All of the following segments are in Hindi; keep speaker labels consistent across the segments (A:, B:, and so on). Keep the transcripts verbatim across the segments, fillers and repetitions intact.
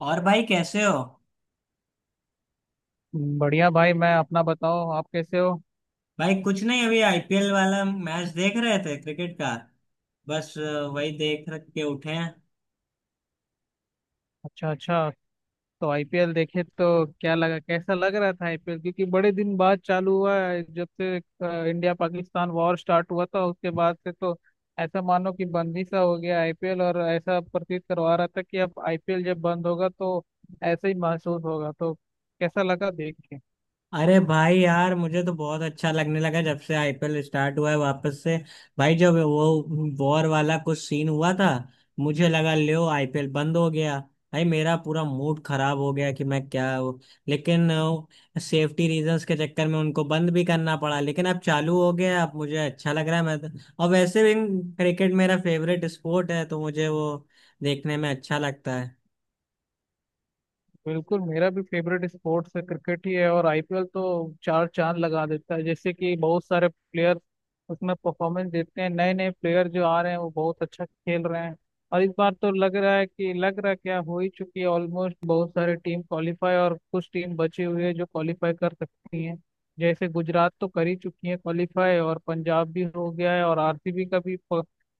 A: और भाई कैसे हो?
B: बढ़िया भाई, मैं अपना बताओ, आप कैसे हो?
A: भाई, कुछ नहीं। अभी आईपीएल वाला मैच देख रहे थे, क्रिकेट का। बस अ, वही देख रख के उठे हैं।
B: अच्छा अच्छा। तो आईपीएल देखे तो क्या लगा, कैसा लग रहा था आईपीएल? क्योंकि बड़े दिन बाद चालू हुआ है, जब से इंडिया पाकिस्तान वॉर स्टार्ट हुआ था उसके बाद से तो ऐसा मानो कि बंद ही सा हो गया आईपीएल, और ऐसा प्रतीत करवा रहा था कि अब आईपीएल जब बंद होगा तो ऐसा ही महसूस होगा, तो कैसा लगा देख के?
A: अरे भाई यार, मुझे तो बहुत अच्छा लगने लगा जब से आईपीएल स्टार्ट हुआ है वापस से। भाई, जब वो वॉर वाला कुछ सीन हुआ था, मुझे लगा लो आईपीएल बंद हो गया। भाई, मेरा पूरा मूड खराब हो गया कि मैं क्या हूँ। लेकिन सेफ्टी रीजंस के चक्कर में उनको बंद भी करना पड़ा, लेकिन अब चालू हो गया। अब मुझे अच्छा लग रहा है मैं तो, और वैसे भी क्रिकेट मेरा फेवरेट स्पोर्ट है, तो मुझे वो देखने में अच्छा लगता है।
B: बिल्कुल, मेरा भी फेवरेट स्पोर्ट्स है, क्रिकेट ही है। और आईपीएल तो चार चांद लगा देता है, जैसे कि बहुत सारे प्लेयर उसमें परफॉर्मेंस देते हैं, नए नए प्लेयर जो आ रहे हैं वो बहुत अच्छा खेल रहे हैं। और इस बार तो लग रहा है कि लग रहा है क्या, हो ही चुकी है ऑलमोस्ट, बहुत सारे टीम क्वालिफाई और कुछ टीम बची हुई है जो क्वालिफाई कर सकती हैं। जैसे गुजरात तो कर ही चुकी है क्वालिफाई, और पंजाब भी हो गया है, और आरसीबी का भी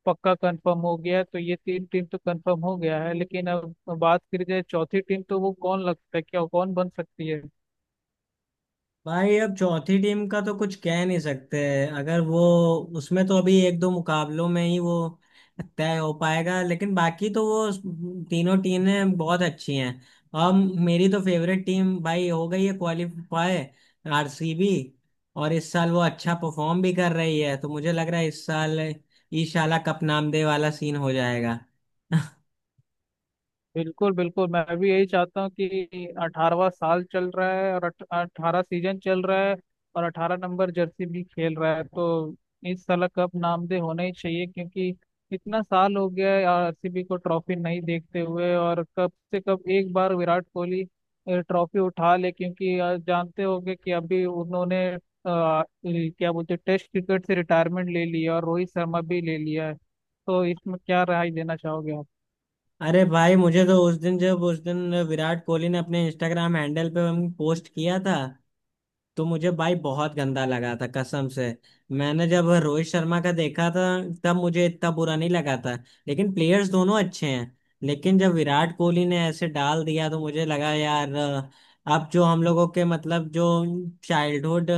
B: पक्का कंफर्म हो गया है, तो ये तीन टीम तो कंफर्म हो गया है। लेकिन अब बात करी जाए चौथी टीम, तो वो कौन लगता है, क्या कौन बन सकती है?
A: भाई, अब चौथी टीम का तो कुछ कह नहीं सकते। अगर वो उसमें तो अभी एक दो मुकाबलों में ही वो तय हो पाएगा। लेकिन बाकी तो वो तीनों टीमें बहुत अच्छी हैं। और मेरी तो फेवरेट टीम, भाई, हो गई है क्वालिफाई, आरसीबी। और इस साल वो अच्छा परफॉर्म भी कर रही है, तो मुझे लग रहा है इस साल ईशाला कप नाम दे वाला सीन हो जाएगा।
B: बिल्कुल बिल्कुल, मैं भी यही चाहता हूँ कि अठारहवाँ साल चल रहा है और अठारह सीजन चल रहा है और अठारह नंबर जर्सी भी खेल रहा है, तो इस साल कप नामदे होना ही चाहिए। क्योंकि इतना साल हो गया है आरसीबी को ट्रॉफी नहीं देखते हुए, और कब से कब एक बार विराट कोहली अ, ट्रॉफी उठा ले। क्योंकि अ, जानते होंगे कि अभी उन्होंने अ, क्या बोलते हैं, टेस्ट क्रिकेट से रिटायरमेंट ले लिया और रोहित शर्मा भी ले लिया है। तो इसमें क्या राय देना चाहोगे आप?
A: अरे भाई, मुझे तो उस दिन जब उस दिन विराट कोहली ने अपने इंस्टाग्राम हैंडल पे पोस्ट किया था, तो मुझे भाई बहुत गंदा लगा था, कसम से। मैंने जब रोहित शर्मा का देखा था, तब मुझे इतना बुरा नहीं लगा था। लेकिन प्लेयर्स दोनों अच्छे हैं। लेकिन जब विराट कोहली ने ऐसे डाल दिया तो मुझे लगा यार, अ, अब जो हम लोगों के मतलब जो चाइल्डहुड,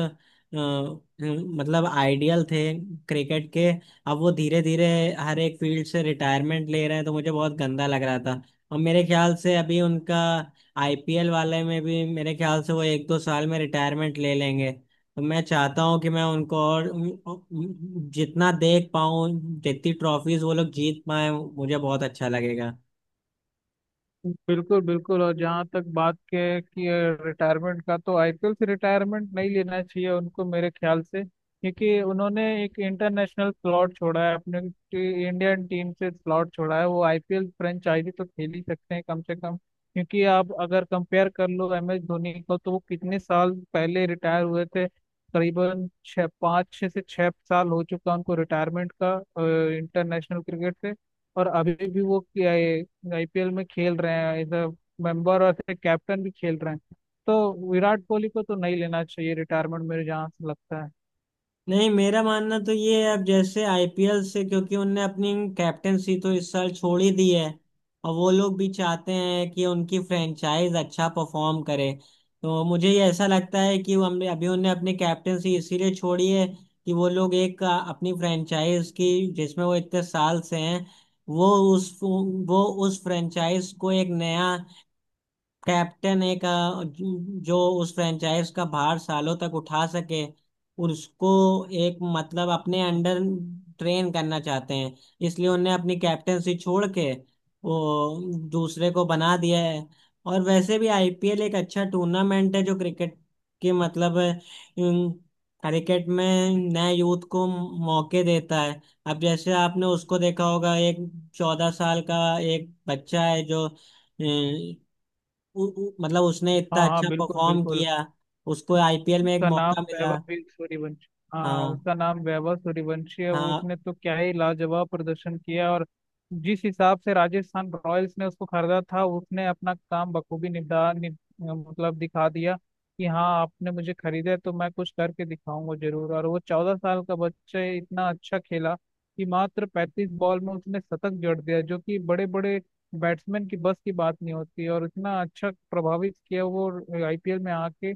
A: मतलब आइडियल थे क्रिकेट के, अब वो धीरे धीरे हर एक फील्ड से रिटायरमेंट ले रहे हैं, तो मुझे बहुत गंदा लग रहा था। और मेरे ख्याल से अभी उनका आईपीएल वाले में भी, मेरे ख्याल से वो एक दो साल में रिटायरमेंट ले लेंगे, तो मैं चाहता हूँ कि मैं उनको और जितना देख पाऊँ, जितनी ट्रॉफीज वो लोग जीत पाए, मुझे बहुत अच्छा लगेगा।
B: बिल्कुल बिल्कुल। और जहाँ तक बात के कि रिटायरमेंट का, तो आईपीएल से रिटायरमेंट नहीं लेना चाहिए उनको मेरे ख्याल से। क्योंकि उन्होंने एक इंटरनेशनल स्लॉट छोड़ा है, अपने टी- इंडियन टीम से स्लॉट छोड़ा है, वो आईपीएल फ्रेंचाइजी तो खेल ही सकते हैं कम से कम। क्योंकि आप अगर कंपेयर कर लो एम एस धोनी को, तो वो कितने साल पहले रिटायर हुए थे? करीबन छः, पाँच छः से छः साल हो चुका उनको रिटायरमेंट का इंटरनेशनल क्रिकेट से। और अभी भी वो आईपीएल में खेल रहे हैं एज अ मेंबर, और एज अ कैप्टन भी खेल रहे हैं। तो विराट कोहली को तो नहीं लेना चाहिए रिटायरमेंट मेरे जहाँ से लगता है।
A: नहीं, मेरा मानना तो ये है। अब जैसे आईपीएल से, क्योंकि उनने अपनी कैप्टेंसी तो इस साल छोड़ ही दी है। और वो लोग भी चाहते हैं कि उनकी फ्रेंचाइज अच्छा परफॉर्म करे। तो मुझे ये ऐसा लगता है कि वो हमने अभी उनने अपनी कैप्टेंसी इसीलिए छोड़ी है, कि वो लोग एक अ, अपनी फ्रेंचाइज की, जिसमें वो इतने साल से हैं, वो उस वो उस फ्रेंचाइज को एक नया कैप्टन, एक अ, जो जो उस फ्रेंचाइज का भार सालों तक उठा सके, उसको एक मतलब अपने अंडर ट्रेन करना चाहते हैं। इसलिए उन्हें अपनी कैप्टेंसी छोड़ के वो दूसरे को बना दिया है। और वैसे भी आईपीएल एक अच्छा टूर्नामेंट है जो क्रिकेट के मतलब अम, क्रिकेट में नए यूथ को मौके देता है। अब जैसे आपने उसको देखा होगा, एक चौदह साल का एक बच्चा है जो उ- उ- मतलब उसने इतना
B: हाँ हाँ,
A: अच्छा
B: बिल्कुल
A: परफॉर्म
B: बिल्कुल।
A: किया। उसको आईपीएल में एक
B: उसका नाम
A: मौका मिला।
B: वैभव सूर्यवंशी। हाँ,
A: हाँ,
B: उसका नाम वैभव सूर्यवंशी है। वो,
A: हाँ,
B: उसने तो क्या ही लाजवाब प्रदर्शन किया। और जिस हिसाब से राजस्थान रॉयल्स ने उसको खरीदा था, उसने अपना काम बखूबी निभा नि, मतलब दिखा दिया कि हाँ आपने मुझे खरीदा है, तो मैं कुछ करके दिखाऊंगा जरूर। और वो चौदह साल का बच्चा ही इतना अच्छा खेला कि मात्र पैंतीस बॉल में उसने शतक जड़ दिया, जो कि बड़े बड़े बैट्समैन की बस की बात नहीं होती। और इतना अच्छा प्रभावित किया वो आईपीएल में आके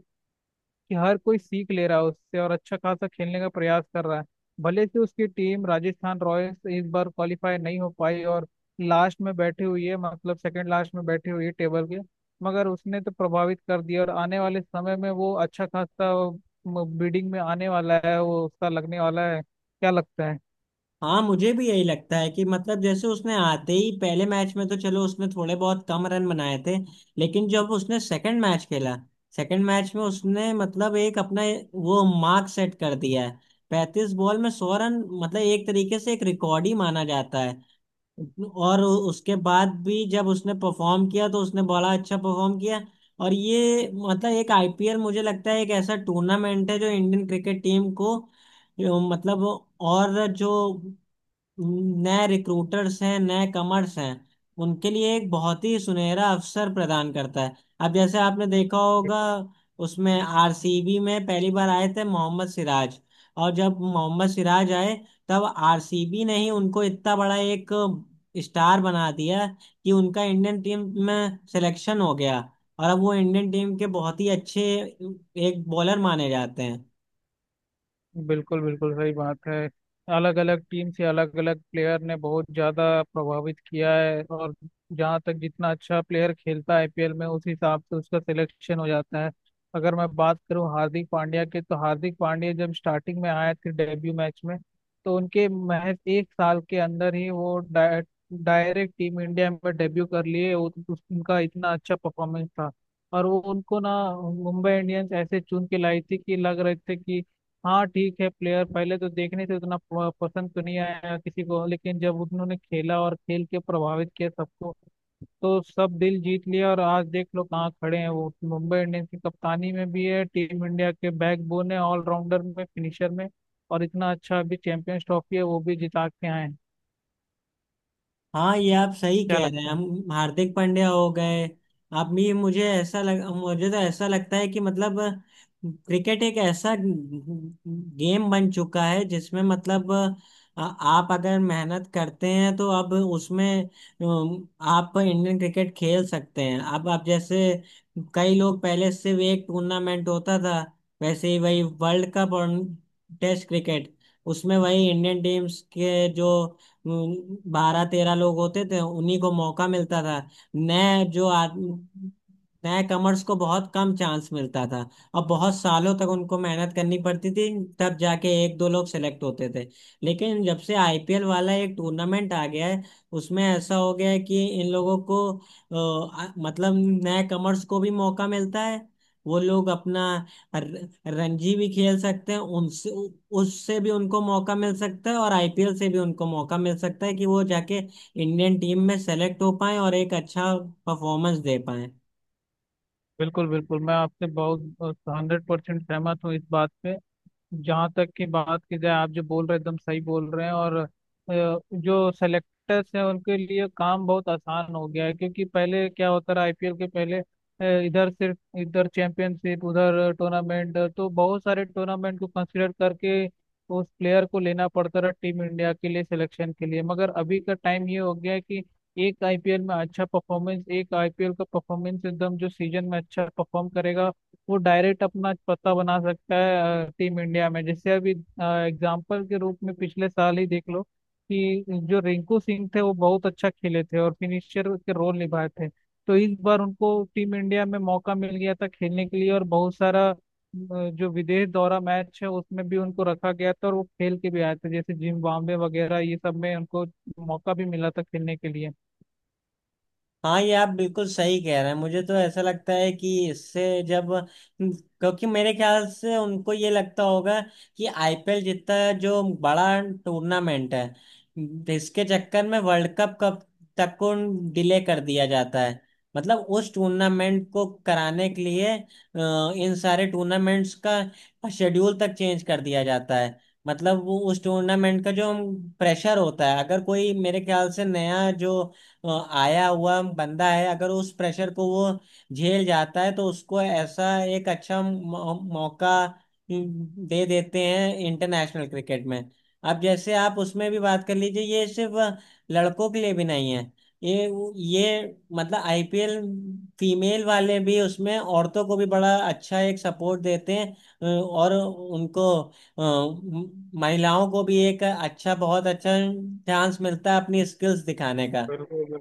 B: कि हर कोई सीख ले रहा है उससे, और अच्छा खासा खेलने का प्रयास कर रहा है। भले से उसकी टीम राजस्थान रॉयल्स इस बार क्वालिफाई नहीं हो पाई और लास्ट में बैठी हुई है, मतलब सेकंड लास्ट में बैठी हुई है टेबल के। मगर उसने तो प्रभावित कर दिया, और आने वाले समय में वो अच्छा खासा बिडिंग में आने वाला है। वो उसका लगने वाला है, क्या लगता है?
A: हाँ, मुझे भी यही लगता है कि मतलब जैसे उसने आते ही पहले मैच में, तो चलो, उसने थोड़े बहुत कम रन बनाए थे। लेकिन जब उसने सेकंड मैच खेला, सेकंड मैच में उसने मतलब एक अपना वो मार्क सेट कर दिया है। पैंतीस बॉल में सौ रन, मतलब एक तरीके से एक रिकॉर्ड ही माना जाता है। और उसके बाद भी जब उसने परफॉर्म किया तो उसने बड़ा अच्छा परफॉर्म किया। और ये मतलब एक आईपीएल, मुझे लगता है एक ऐसा टूर्नामेंट है जो इंडियन क्रिकेट टीम को, जो मतलब और जो नए रिक्रूटर्स हैं, नए कमर्स हैं, उनके लिए एक बहुत ही सुनहरा अवसर प्रदान करता है। अब जैसे आपने देखा होगा, उसमें आरसीबी में पहली बार आए थे मोहम्मद सिराज। और जब मोहम्मद सिराज आए, तब आरसीबी ने ही उनको इतना बड़ा एक स्टार बना दिया कि उनका इंडियन टीम में सिलेक्शन हो गया। और अब वो इंडियन टीम के बहुत ही अच्छे एक बॉलर माने जाते हैं।
B: बिल्कुल बिल्कुल, सही बात है। अलग अलग टीम से अलग अलग प्लेयर ने बहुत ज़्यादा प्रभावित किया है। और जहाँ तक, जितना अच्छा प्लेयर खेलता है आईपीएल में उस हिसाब से उसका सिलेक्शन हो जाता है। अगर मैं बात करूँ हार्दिक पांड्या के, तो हार्दिक पांड्या जब स्टार्टिंग में आए थे डेब्यू मैच में, तो उनके महज एक साल के अंदर ही वो डाय, डायरेक्ट टीम इंडिया में डेब्यू कर लिए। उ- उस- उनका इतना अच्छा परफॉर्मेंस था। और वो उनको ना, मुंबई इंडियंस ऐसे चुन के लाई थी कि लग रहे थे कि हाँ ठीक है प्लेयर, पहले तो देखने से उतना प- पसंद तो नहीं आया किसी को, लेकिन जब उन्होंने खेला और खेल के प्रभावित किया सबको, तो सब दिल जीत लिया। और आज देख लो कहाँ खड़े हैं वो, मुंबई इंडियंस की कप्तानी में भी है, टीम इंडिया के बैकबोन है, ऑलराउंडर में, फिनिशर में। और इतना अच्छा अभी चैंपियंस ट्रॉफी है, वो भी जिता के आए हैं।
A: हाँ, ये आप सही
B: क्या
A: कह रहे हैं।
B: लगता है?
A: हम, हार्दिक पांड्या हो गए। आप भी मुझे ऐसा लग मुझे तो ऐसा लगता है कि मतलब क्रिकेट एक ऐसा गेम बन चुका है, जिसमें मतलब आ- आप अगर मेहनत करते हैं तो अब उसमें अम, आप इंडियन क्रिकेट खेल सकते हैं। अब आप जैसे, कई लोग पहले सिर्फ एक टूर्नामेंट होता था, वैसे ही वही वर्ल्ड कप और टेस्ट क्रिकेट। उसमें वही इंडियन टीम्स के जो बारह तेरह लोग होते थे, उन्हीं को मौका मिलता था। नए जो आदमी, नए कमर्स को बहुत कम चांस मिलता था। और बहुत सालों तक उनको मेहनत करनी पड़ती थी, तब जाके एक दो लोग सेलेक्ट होते थे। लेकिन जब से आईपीएल वाला एक टूर्नामेंट आ गया है, उसमें ऐसा हो गया है कि इन लोगों को अ, आ- मतलब नए कमर्स को भी मौका मिलता है। वो लोग अपना र- रणजी भी खेल सकते हैं, उनसे उ- उससे भी उनको मौका मिल सकता है, और आईपीएल से भी उनको मौका मिल सकता है कि वो जाके इंडियन टीम में सेलेक्ट हो पाए और एक अच्छा परफॉर्मेंस दे पाए।
B: बिल्कुल बिल्कुल, मैं आपसे बहुत हंड्रेड परसेंट सहमत हूँ इस बात पे। जहाँ तक की बात की जाए, आप जो बोल रहे हैं एकदम सही बोल रहे हैं। और अ, जो सेलेक्टर्स हैं उनके लिए काम बहुत आसान हो गया है। क्योंकि पहले क्या होता रहा आईपीएल के पहले, अ, इधर सिर्फ इधर चैंपियनशिप उधर टूर्नामेंट, तो बहुत सारे टूर्नामेंट को कंसिडर करके उस प्लेयर को लेना पड़ता रहा टीम इंडिया के लिए सिलेक्शन के लिए। मगर अभी का टाइम ये हो गया है कि एक आईपीएल में अच्छा परफॉर्मेंस, एक आईपीएल का परफॉर्मेंस, एकदम जो सीजन में अच्छा परफॉर्म करेगा, वो डायरेक्ट अपना पता बना सकता है टीम इंडिया में। जैसे अभी एग्जाम्पल के रूप में पिछले साल ही देख लो कि जो रिंकू सिंह थे, वो बहुत अच्छा खेले थे और फिनिशर के रोल निभाए थे। तो इस बार उनको टीम इंडिया में मौका मिल गया था खेलने के लिए, और बहुत सारा अ, जो विदेश दौरा मैच है उसमें भी उनको रखा गया था, और वो खेल के भी आए थे, जैसे जिम्बाब्वे वगैरह, ये सब में उनको मौका भी मिला था खेलने के लिए।
A: हाँ, ये आप बिल्कुल सही कह रहे हैं। मुझे तो ऐसा लगता है कि इससे, जब, क्योंकि मेरे ख्याल से उनको ये लगता होगा कि आईपीएल जितना जो बड़ा टूर्नामेंट है, इसके चक्कर में वर्ल्ड कप कब तक को डिले कर दिया जाता है। मतलब उस टूर्नामेंट को कराने के लिए अ, इन सारे टूर्नामेंट्स का शेड्यूल तक चेंज कर दिया जाता है। मतलब वो उस टूर्नामेंट का जो प्रेशर होता है, अगर कोई मेरे ख्याल से नया जो अ, आया हुआ बंदा है, अगर उस प्रेशर को वो झेल जाता है तो उसको ऐसा एक अच्छा मौ- मौका हम्म, दे देते हैं इंटरनेशनल क्रिकेट में। अब जैसे आप उसमें भी बात कर लीजिए, ये सिर्फ लड़कों के लिए भी नहीं है। ये ये मतलब आईपीएल, फीमेल वाले भी उसमें औरतों को भी बड़ा अच्छा एक सपोर्ट देते हैं। अ, और उनको अ, म- महिलाओं को भी एक अच्छा बहुत अच्छा चांस मिलता है अपनी स्किल्स दिखाने का,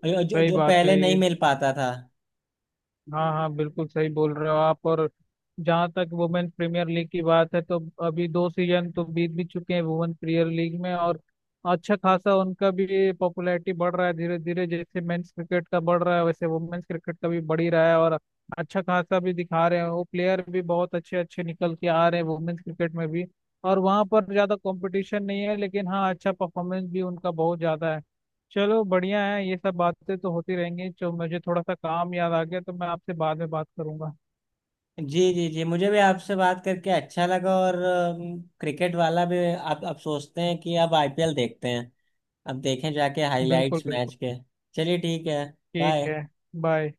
A: जो, जो
B: सही
A: जो
B: बात
A: पहले
B: है
A: नहीं
B: ये।
A: मिल पाता था।
B: हाँ हाँ, बिल्कुल सही बोल रहे हो आप। और जहाँ तक वुमेन प्रीमियर लीग की बात है, तो अभी दो सीजन तो बीत भी चुके हैं वुमेन प्रीमियर लीग में। और अच्छा खासा उनका भी पॉपुलैरिटी बढ़ रहा है धीरे धीरे, जैसे मेंस क्रिकेट का बढ़ रहा है वैसे वुमेन्स क्रिकेट का भी बढ़ ही रहा है। और अच्छा खासा भी दिखा रहे हैं, वो प्लेयर भी बहुत अच्छे अच्छे निकल के आ रहे हैं वुमेन्स क्रिकेट में भी। और वहाँ पर ज़्यादा कंपटीशन नहीं है, लेकिन हाँ अच्छा परफॉर्मेंस भी उनका बहुत ज़्यादा है। चलो बढ़िया है, ये सब बातें तो होती रहेंगी। जो मुझे थोड़ा सा काम याद आ गया, तो मैं आपसे बाद में बात करूंगा।
A: जी, जी, जी, मुझे भी आपसे बात करके अच्छा लगा। और क्रिकेट वाला भी, अब अब सोचते हैं कि अब आईपीएल देखते हैं। अब देखें जाके
B: बिल्कुल
A: हाइलाइट्स
B: बिल्कुल,
A: मैच के। चलिए, ठीक है।
B: ठीक
A: बाय।
B: है। बाय।